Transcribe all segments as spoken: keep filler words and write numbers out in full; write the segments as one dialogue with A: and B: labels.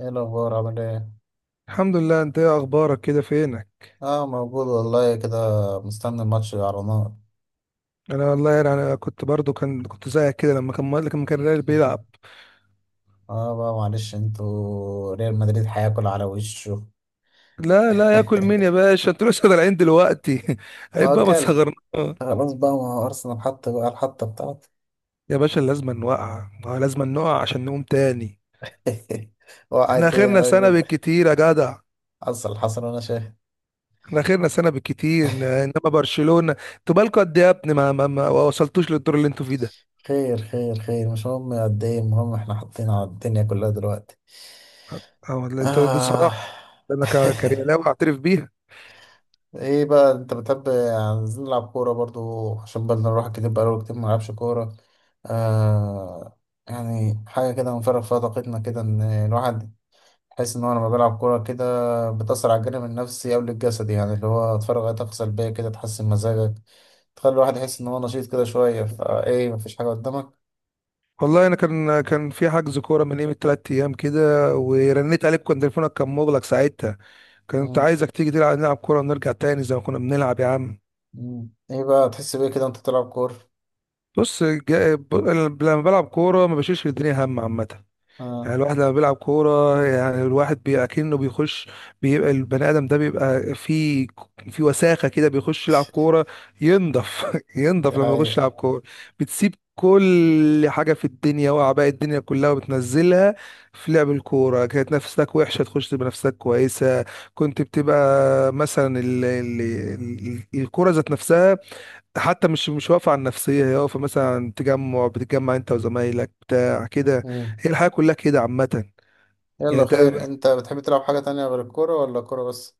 A: ايه الاخبار؟ عامل ايه؟
B: الحمد لله، انت ايه اخبارك؟ كده فينك؟
A: اه، موجود والله كده. مستني الماتش على نار.
B: انا والله، يعني انا كنت برضو، كان كنت زيك كده، لما كان لما كان الريال بيلعب.
A: اه بقى، معلش، انتوا ريال مدريد هياكل على وشه.
B: لا لا، ياكل مين يا باشا؟ انتوا لسه طالعين دلوقتي
A: ما
B: عيب
A: هو
B: بقى، ما
A: كل،
B: تصغرنا.
A: خلاص بقى، ما هو ارسنال حط بقى الحطه بتاعته.
B: يا باشا لازم نوقع آه، لازم نقع عشان نقوم تاني. احنا
A: وقعت ايه يا
B: اخرنا سنه
A: راجل؟
B: بالكتير يا جدع.
A: حصل حصل وانا شايف.
B: احنا اخرنا سنه بالكتير، ن- انما برشلونه انتوا بالكوا قد ايه يا ابني؟ ما, ما, ما وصلتوش للدور اللي انتوا فيه ده.
A: خير خير خير، مش مهم قد ايه، المهم احنا حاطين على الدنيا كلها دلوقتي.
B: اه والله انتوا دي
A: آه.
B: الصراحه. انا ك- كريالاوي اعترف بيها.
A: ايه بقى انت بتحب؟ عايزين نلعب كورة برضو، عشان بدل نروح كتير بقاله كتير ما نلعبش كورة. آه. يعني حاجة كده نفرغ فيها طاقتنا، كده ان الواحد يحس ان هو لما بيلعب كورة كده بتأثر على الجانب النفسي قبل الجسدي. يعني اللي هو تفرغ اي طاقة سلبية كده، تحسن مزاجك، تخلي الواحد يحس ان هو نشيط كده شوية، فايه مفيش حاجة قدامك.
B: والله انا كان كان في حجز كوره من قيمه تلات ايام كده. ورنيت عليك كان تليفونك كان مغلق ساعتها. كنت
A: مم.
B: عايزك تيجي تلعب، نلعب كوره ونرجع تاني زي ما كنا بنلعب يا عم.
A: مم. ايه بقى تحس بيه كده وانت بتلعب كورة؟
B: بص، جا- ب- لما بلعب كوره ما بشيلش الدنيا هم عامه.
A: اه،
B: يعني الواحد لما بيلعب كورة، يعني الواحد بي- اكنه بيخش. بيبقى البني آدم ده بيبقى في في وساخة كده، بيخش يلعب كورة، ينضف
A: دي
B: ينضف لما يخش
A: حقيقة.
B: يلعب كورة. بتسيب كل حاجة في الدنيا وأعباء الدنيا كلها، وبتنزلها في لعب الكورة. كانت نفسك وحشة، تخش تبقى نفسك كويسة. كنت بتبقى مثلا ال... ال... ال... الكورة ذات نفسها. حتى مش مش واقفة على النفسية، هي واقفة مثلا، تجمع بتتجمع انت وزمايلك بتاع كده.
A: مم.
B: هي الحياة كلها كده عامة. يعني
A: يلا
B: انت،
A: خير، انت بتحب تلعب حاجة تانية غير الكورة ولا الكورة بس؟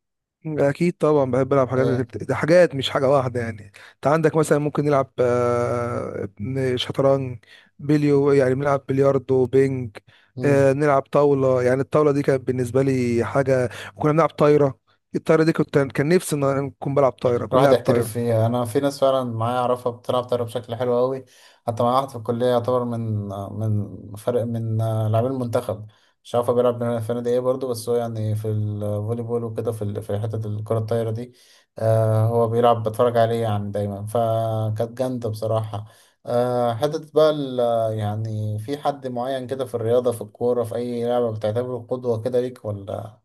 B: اكيد طبعا بحب العب حاجات غير-
A: ايه.
B: ده حاجات مش حاجة واحدة. يعني انت عندك مثلا ممكن نلعب آه، شطرنج. بليو يعني بنلعب بلياردو بينج.
A: مم.
B: آه، نلعب طاولة. يعني الطاولة دي كانت بالنسبة لي حاجة. وكنا بنلعب طايرة. الطايرة دي كنت، كان نفسي ان انا اكون بلعب طايرة، كنت
A: الواحد
B: لاعب طايرة.
A: يحترف فيها. انا في ناس فعلا معايا اعرفها بتلعب طايره بشكل حلو قوي. حتى معايا واحد في الكليه يعتبر من من فرق من لاعبين المنتخب. مش عارف هو بيلعب في نادي ايه برضه، بس هو يعني في الفولي بول وكده، في ال- في حته الكره الطايره دي. آه هو بيلعب، بتفرج عليه يعني دايما، فكانت جامده بصراحه. آه حته بقى ال- يعني في حد معين كده في الرياضه، في الكوره، في اي لعبه، بتعتبره قدوه كده ليك ولا؟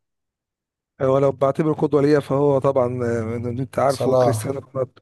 B: هو لو بعتبره قدوة ليا فهو طبعا، آه، انت عارفه
A: صلاح.
B: كريستيانو رونالدو.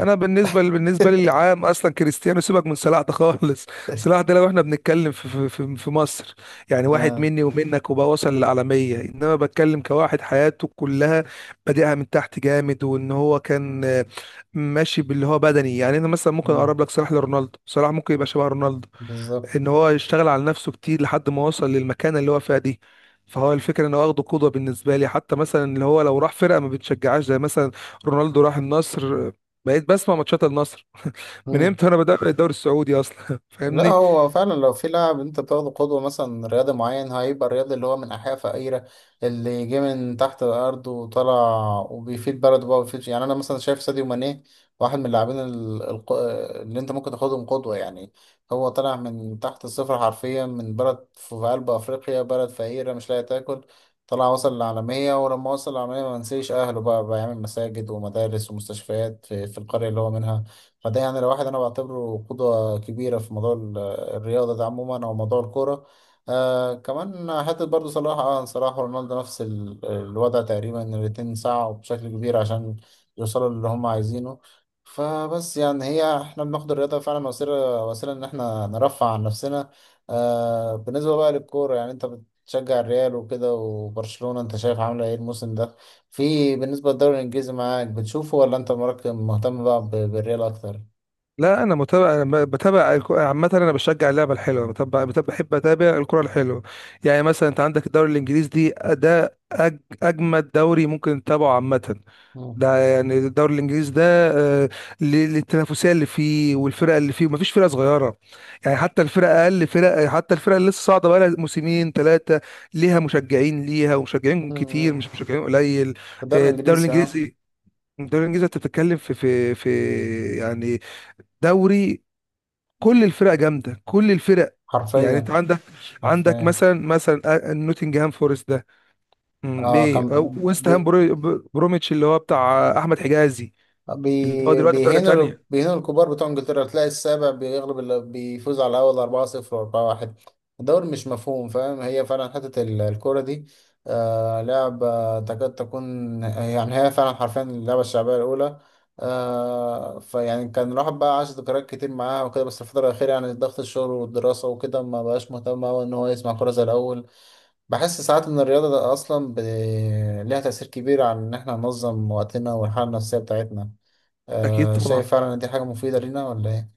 B: انا بالنسبه بالنسبه لي العام، اصلا كريستيانو سيبك من صلاح ده خالص صلاح ده لو احنا بنتكلم في في في في مصر، يعني واحد
A: آه.
B: مني ومنك وبقى وصل للعالميه. انما بتكلم كواحد حياته كلها بادئها من تحت جامد، وان هو كان آه، ماشي باللي هو بدني. يعني انا مثلا ممكن
A: مم،
B: اقرب لك صلاح لرونالدو. صلاح ممكن يبقى شبه رونالدو،
A: بالظبط.
B: ان هو يشتغل على نفسه كتير لحد ما وصل للمكانه اللي هو فيها دي. فهو الفكره ان هو واخده قدوه بالنسبه لي، حتى مثلا اللي هو لو راح فرقه ما بتشجعهاش زي مثلا رونالدو راح النصر، بقيت بسمع ماتشات النصر. من
A: مم.
B: امتى انا بتابع الدوري السعودي اصلا
A: لا
B: فاهمني.
A: هو فعلا لو في لاعب انت بتاخده قدوة، مثلا رياضي معين، هيبقى الرياضي اللي هو من أحياء فقيرة، اللي جه من تحت الأرض وطلع وبيفيد بلده بقى وبيفيد. يعني أنا مثلا شايف ساديو ماني واحد من اللاعبين ال- الق- اللي انت ممكن تاخدهم قدوة يعني. هو طلع من تحت الصفر حرفيا، من بلد في في قلب أفريقيا، بلد فقيرة مش لاقي تاكل. طلع وصل للعالمية، ولما وصل للعالمية ما نسيش أهله بقى، بيعمل مساجد ومدارس ومستشفيات في, في القرية اللي هو منها. فده يعني لو واحد انا بعتبره قدوة كبيرة في موضوع ال- الرياضة ده عموما او موضوع الكورة. آه كمان حتة برضو صلاح، اه صلاح ورونالدو نفس ال- الوضع تقريبا. إن الاتنين سعوا بشكل كبير عشان يوصلوا للي هم عايزينه. فبس يعني هي احنا بناخد الرياضة فعلا وسيلة، وسيلة ان احنا نرفع عن نفسنا. آه بالنسبة بقى للكورة، يعني انت بتشجع الريال وكده، وبرشلونة انت شايف عاملة ايه الموسم ده؟ في بالنسبة للدوري الانجليزي معاك بتشوفه، ولا انت مركز مهتم بقى ب- بالريال اكتر؟
B: لا انا متابع، أنا بتابع الك- عامه. انا بشجع اللعبه الحلوه. بتابع، بتابع- بحب اتابع الكره الحلوه. يعني مثلا انت عندك الدوري الانجليزي دي، ده أج- اجمد دوري ممكن تتابعه عامه.
A: مم.
B: ده يعني الدوري الانجليزي ده، آه، ل- للتنافسيه اللي فيه والفرق اللي فيه. ومفيش فرقه صغيره. يعني حتى الفرق، اقل فرق، حتى الفرق اللي لسه صاعده بقى لها موسمين ثلاثه، ليها مشجعين ليها ومشجعين كتير، مش
A: مم.
B: مشجعين قليل.
A: في الدوري
B: آه، الدوري
A: الانجليزي اه.
B: الانجليزي. الدوري الانجليزي انت بتتكلم في في في يعني دوري، كل الفرق جامده، كل الفرق. يعني انت
A: حرفيا.
B: عندك عندك
A: حرفيا.
B: مثلا مثلا آه، نوتنجهام فورست ده. مم،
A: اه كان،
B: ايه أو ويست
A: بي
B: هام، برو بروميتش اللي هو بتاع آه، احمد حجازي، اللي هو
A: بي
B: دلوقتي في درجة
A: بيهينوا،
B: تانية.
A: بيهينوا الكبار بتوع انجلترا، تلاقي السابع بيغلب اللي بيفوز على الاول أربعة صفر و4-1. الدوري مش مفهوم، فاهم؟ هي فعلا حتة ال- الكورة دي آه لعبة تكاد تكون يعني، هي فعلا حرفيا اللعبة الشعبية الأولى. آه فيعني كان الواحد بقى عاش ذكريات كتير معاها وكده، بس الفترة الأخيرة يعني ضغط الشغل والدراسة وكده ما بقاش مهتم أوي إن هو يسمع كورة زي الأول. بحس ساعات ان الرياضة ده اصلا ب... ليها تأثير كبير على ان احنا ننظم وقتنا والحالة النفسية بتاعتنا.
B: اكيد
A: آه، شايف
B: طبعا.
A: فعلا ان دي حاجة مفيدة لينا ولا ايه؟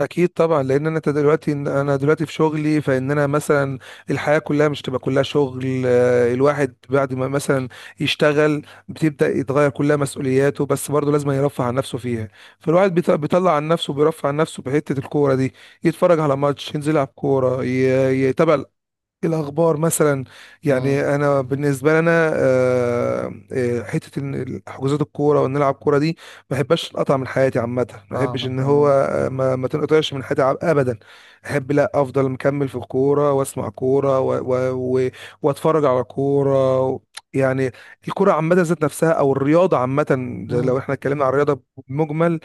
B: اكيد طبعا، لان انا دلوقتي انا دلوقتي في شغلي. فان انا مثلا، الحياة كلها مش تبقى كلها شغل. آه، الواحد بعد ما مثلا يشتغل، بتبدأ يتغير كلها مسؤولياته، بس برضه لازم يرفع عن نفسه فيها. فالواحد بيط- بيطلع عن نفسه، بيرفع عن نفسه بحتة الكورة دي. يتفرج على ماتش، ينزل يلعب كورة، ي- يتابع الأخبار مثلا.
A: امم.
B: يعني أنا بالنسبة لنا، آه، آه، حتة إن حجوزات الكورة وإن نلعب كورة دي، ما بحبش أقطع من حياتي عامة. ما بحبش
A: فاهمك.
B: إن هو،
A: امم.
B: آه، ما, ما تنقطعش من حياتي، ع- أبدا. أحب، لا أفضل مكمل في الكورة، وأسمع كورة و و و وأتفرج على كورة و- يعني الكورة عامة ذات نفسها، أو الرياضة عامة. زي لو إحنا اتكلمنا عن الرياضة بمجمل،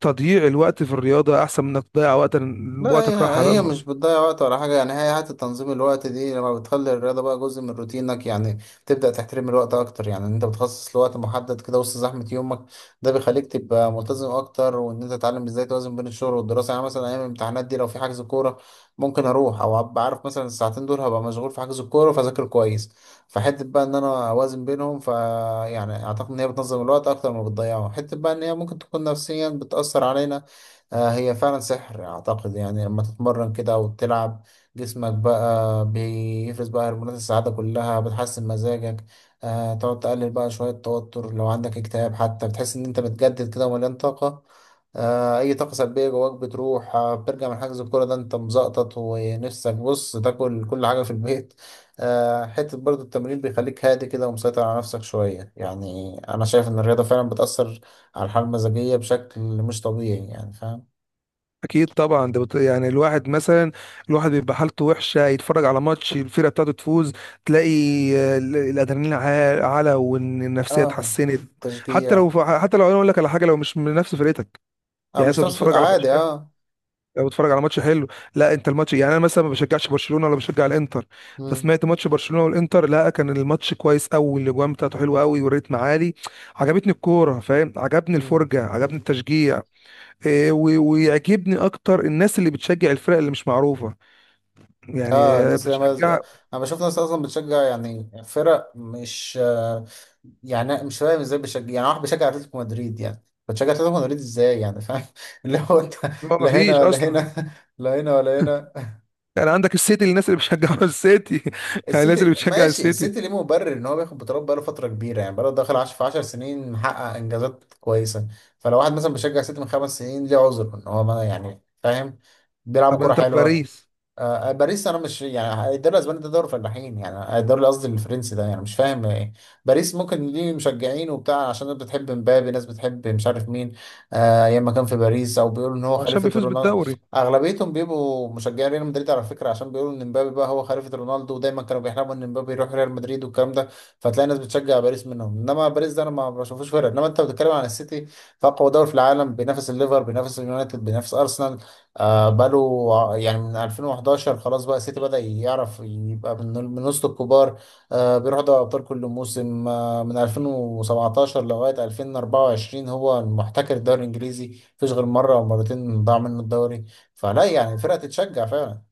B: تضييع الوقت في الرياضة أحسن من إنك تضيع وقت.
A: لا،
B: وقتك راحة
A: هي
B: بقى.
A: هي مش بتضيع وقت ولا حاجة. يعني هي حتى تنظيم الوقت دي، لما بتخلي الرياضة بقى جزء من روتينك، يعني بتبدأ تحترم الوقت أكتر. يعني إن أنت بتخصص لوقت محدد كده وسط زحمة يومك، ده بيخليك تبقى ملتزم أكتر، وإن أنت تتعلم إزاي توازن بين الشغل والدراسة. يعني مثلا أيام الامتحانات دي، لو في حجز كورة ممكن أروح، أو أبقى عارف مثلا الساعتين دول هبقى مشغول في حجز الكورة، فأذاكر كويس. فحتة بقى إن أنا أوازن بينهم. ف يعني أعتقد إن هي بتنظم الوقت أكتر ما بتضيعه. حتة بقى إن هي ممكن تكون نفسيا بتأثر علينا. آه، هي فعلا سحر اعتقد. يعني لما تتمرن كده وتلعب، جسمك بقى بيفرز بقى هرمونات السعادة كلها، بتحسن مزاجك. آه تقعد تقلل بقى شوية توتر، لو عندك اكتئاب حتى بتحس ان انت متجدد كده ومليان طاقة. آه اي طاقة سلبية جواك بتروح. آه بترجع من حجز الكورة ده انت مزقطط، ونفسك بص تاكل كل حاجة في البيت. آه حتة برضو التمرين بيخليك هادي كده ومسيطر على نفسك شوية. يعني انا شايف ان الرياضة فعلا بتأثر على الحالة المزاجية بشكل مش طبيعي، يعني فاهم.
B: اكيد طبعا، ده بت... يعني الواحد مثلا، الواحد بيبقى حالته وحشه، يتفرج على ماتش الفرقه بتاعته تفوز، تلاقي آه، ال- الادرينالين عا- علا، وان النفسيه
A: اه.
B: اتحسنت. حتى
A: تشجيع.
B: لو حتى لو انا اقول لك على حاجه، لو مش من نفس فرقتك،
A: اه،
B: يعني انت
A: مش ناس
B: بتتفرج على ماتش
A: عادي،
B: حلو.
A: اه.
B: لو بتتفرج على ماتش حلو، لا انت الماتش، يعني انا مثلا ما بشجعش برشلونه ولا بشجع الانتر.
A: مم.
B: فسمعت ماتش برشلونه والانتر، لا كان الماتش كويس قوي، الاجوان بتاعته حلوه قوي والريتم عالي. عجبتني الكوره، فاهم، عجبني
A: مم.
B: الفرجه، عجبني التشجيع. آه، و- ويعجبني اكتر الناس اللي بتشجع الفرق اللي مش معروفه. يعني
A: اه
B: آه،
A: الناس اللي مز...
B: بتشجع،
A: انا بشوف ناس اصلا بتشجع يعني فرق مش، آه يعني أنا مش فاهم ازاي بيشجع. يعني واحد بيشجع اتلتيكو مدريد، يعني بتشجع اتلتيكو مدريد ازاي يعني، فاهم؟ اللي هو انت،
B: هو ما
A: لا هنا
B: فيش
A: ولا
B: اصلا.
A: هنا. لا هنا ولا هنا.
B: يعني عندك السيتي، الناس اللي بتشجعوا السيتي. يعني الناس اللي
A: السيتي
B: بتشجع
A: ماشي،
B: السيتي.
A: السيتي ليه مبرر ان هو بياخد بطولات بقاله فتره كبيره. يعني بقاله داخل عش- في 10 سنين محقق انجازات كويسه. فلو واحد مثلا بيشجع السيتي من خمس سنين ليه عذر ان هو، ما يعني فاهم، بيلعبوا
B: طب
A: كوره
B: انت في
A: حلوه.
B: باريس؟
A: آه، آه، باريس انا مش يعني، الدوري الاسباني ده دوري فلاحين، يعني الدوري قصدي الفرنسي ده يعني مش فاهم ايه. باريس ممكن ليه مشجعين وبتاع عشان ناس بتحب مبابي، ناس بتحب مش عارف مين. آه ايام ما كان في باريس، او بيقولوا ان هو
B: وعشان
A: خليفة
B: بيفوز
A: رونالدو.
B: بالدوري.
A: اغلبيتهم بيبقوا مشجعين ريال مدريد على فكرة، عشان بيقولوا ان مبابي بقى هو خليفة رونالدو، ودايما كانوا بيحلموا ان مبابي يروح ريال مدريد والكلام ده. فتلاقي ناس بتشجع باريس منهم، انما باريس ده انا ما بشوفوش فرق. انما انت بتتكلم عن السيتي، فاقوى دوري في العالم، بينافس الليفر، بينافس اليونايتد، بينافس ارسنال. آه بقاله ع- يعني من ألفين وحداشر خلاص بقى السيتي بدأ يعرف يبقى من من وسط الكبار. آه بيروح دوري أبطال كل موسم. آه من ألفين وسبعتاشر لغاية ألفين وأربعة وعشرين هو المحتكر الدوري الإنجليزي، مفيش غير مرة أو مرتين ضاع منه الدوري. فلا يعني فرقة تتشجع فعلا.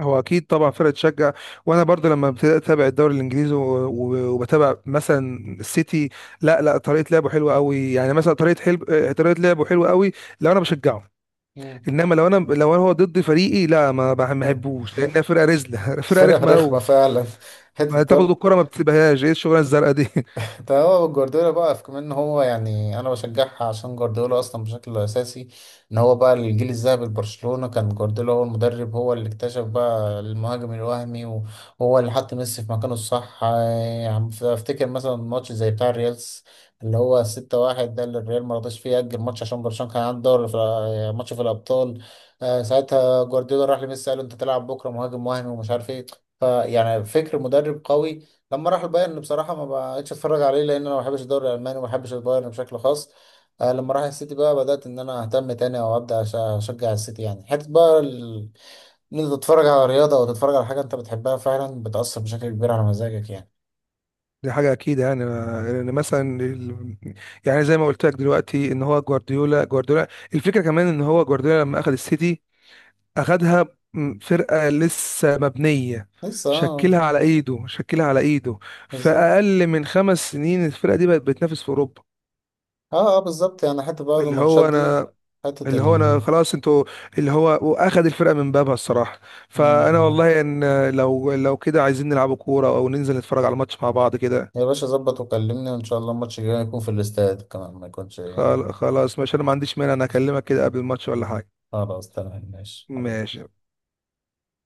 B: هو اكيد طبعا فرقه تشجع. وانا برضه لما ابتديت اتابع الدوري الانجليزي و- و- وبتابع مثلا السيتي، لا لا، طريقه لعبه حلوه قوي. يعني مثلا طريقه حلو، آه، طريقه لعبه حلوه قوي لو انا بشجعه.
A: مم.
B: انما لو انا لو انا هو ضد فريقي لا ما بحبوش، لانها فرقه رزله فرقه
A: فرقة
B: رخمه قوي،
A: رخمة فعلا. حتة
B: ما تاخد
A: برضه.
B: الكرة ما بتسيبهاش. ايه الشغلانة الزرقاء دي
A: ده هو جوارديولا بقى في كمان، إن هو يعني انا بشجعها عشان جوارديولا اصلا بشكل اساسي. ان هو بقى الجيل الذهبي لبرشلونة كان جوارديولا هو المدرب، هو اللي اكتشف بقى المهاجم الوهمي، وهو اللي حط ميسي في مكانه الصح. يعني افتكر مثلا ماتش زي بتاع الريالز اللي هو ستة واحد ده، اللي الريال ما رضاش فيه يأجل ماتش عشان برشلونة كان عنده دوري في، ماتش في الأبطال. آه، ساعتها جوارديولا راح لميسي قال له انت تلعب بكرة مهاجم وهمي ومش عارف ايه. فيعني فكر مدرب قوي. لما راح البايرن بصراحه ما بقتش اتفرج عليه، لان انا ما بحبش الدوري الالماني وما بحبش البايرن بشكل خاص. آه لما راح السيتي بقى بدات ان انا اهتم تاني، او ابدا أش- اشجع السيتي. يعني حته بقى ال- ان انت تتفرج على رياضه او تتفرج على حاجه انت بتحبها فعلا بتاثر بشكل كبير على مزاجك يعني.
B: دي حاجة أكيد، يعني ما- لأن مثلا ال- يعني زي ما قلت لك دلوقتي إن هو جوارديولا. جوارديولا، الفكرة كمان إن هو جوارديولا لما أخد السيتي، أخدها م- فرقة لسه مبنية،
A: لسه اه.
B: شكلها على إيده، شكلها على إيده. في
A: بالظبط.
B: أقل من خمس سنين الفرقة دي بقت بتنافس في أوروبا.
A: اه اه بالظبط. يعني حته برضه
B: اللي
A: الماتشات
B: هو
A: دي،
B: أنا،
A: حته
B: اللي هو انا
A: ال،
B: خلاص انتوا، اللي هو واخد الفرقه من بابها الصراحه.
A: م-
B: فانا
A: م.
B: والله ان لو لو كده عايزين نلعبوا كوره او ننزل نتفرج على الماتش مع بعض كده.
A: يا باشا ظبط وكلمني، وان شاء الله الماتش الجاي يكون في الاستاد كمان ما يكونش هنا.
B: خل- خلاص ماشي، انا ما عنديش مانع، انا اكلمك كده قبل الماتش ولا حاجه.
A: خلاص تمام، ماشي حبيبي.
B: ماشي.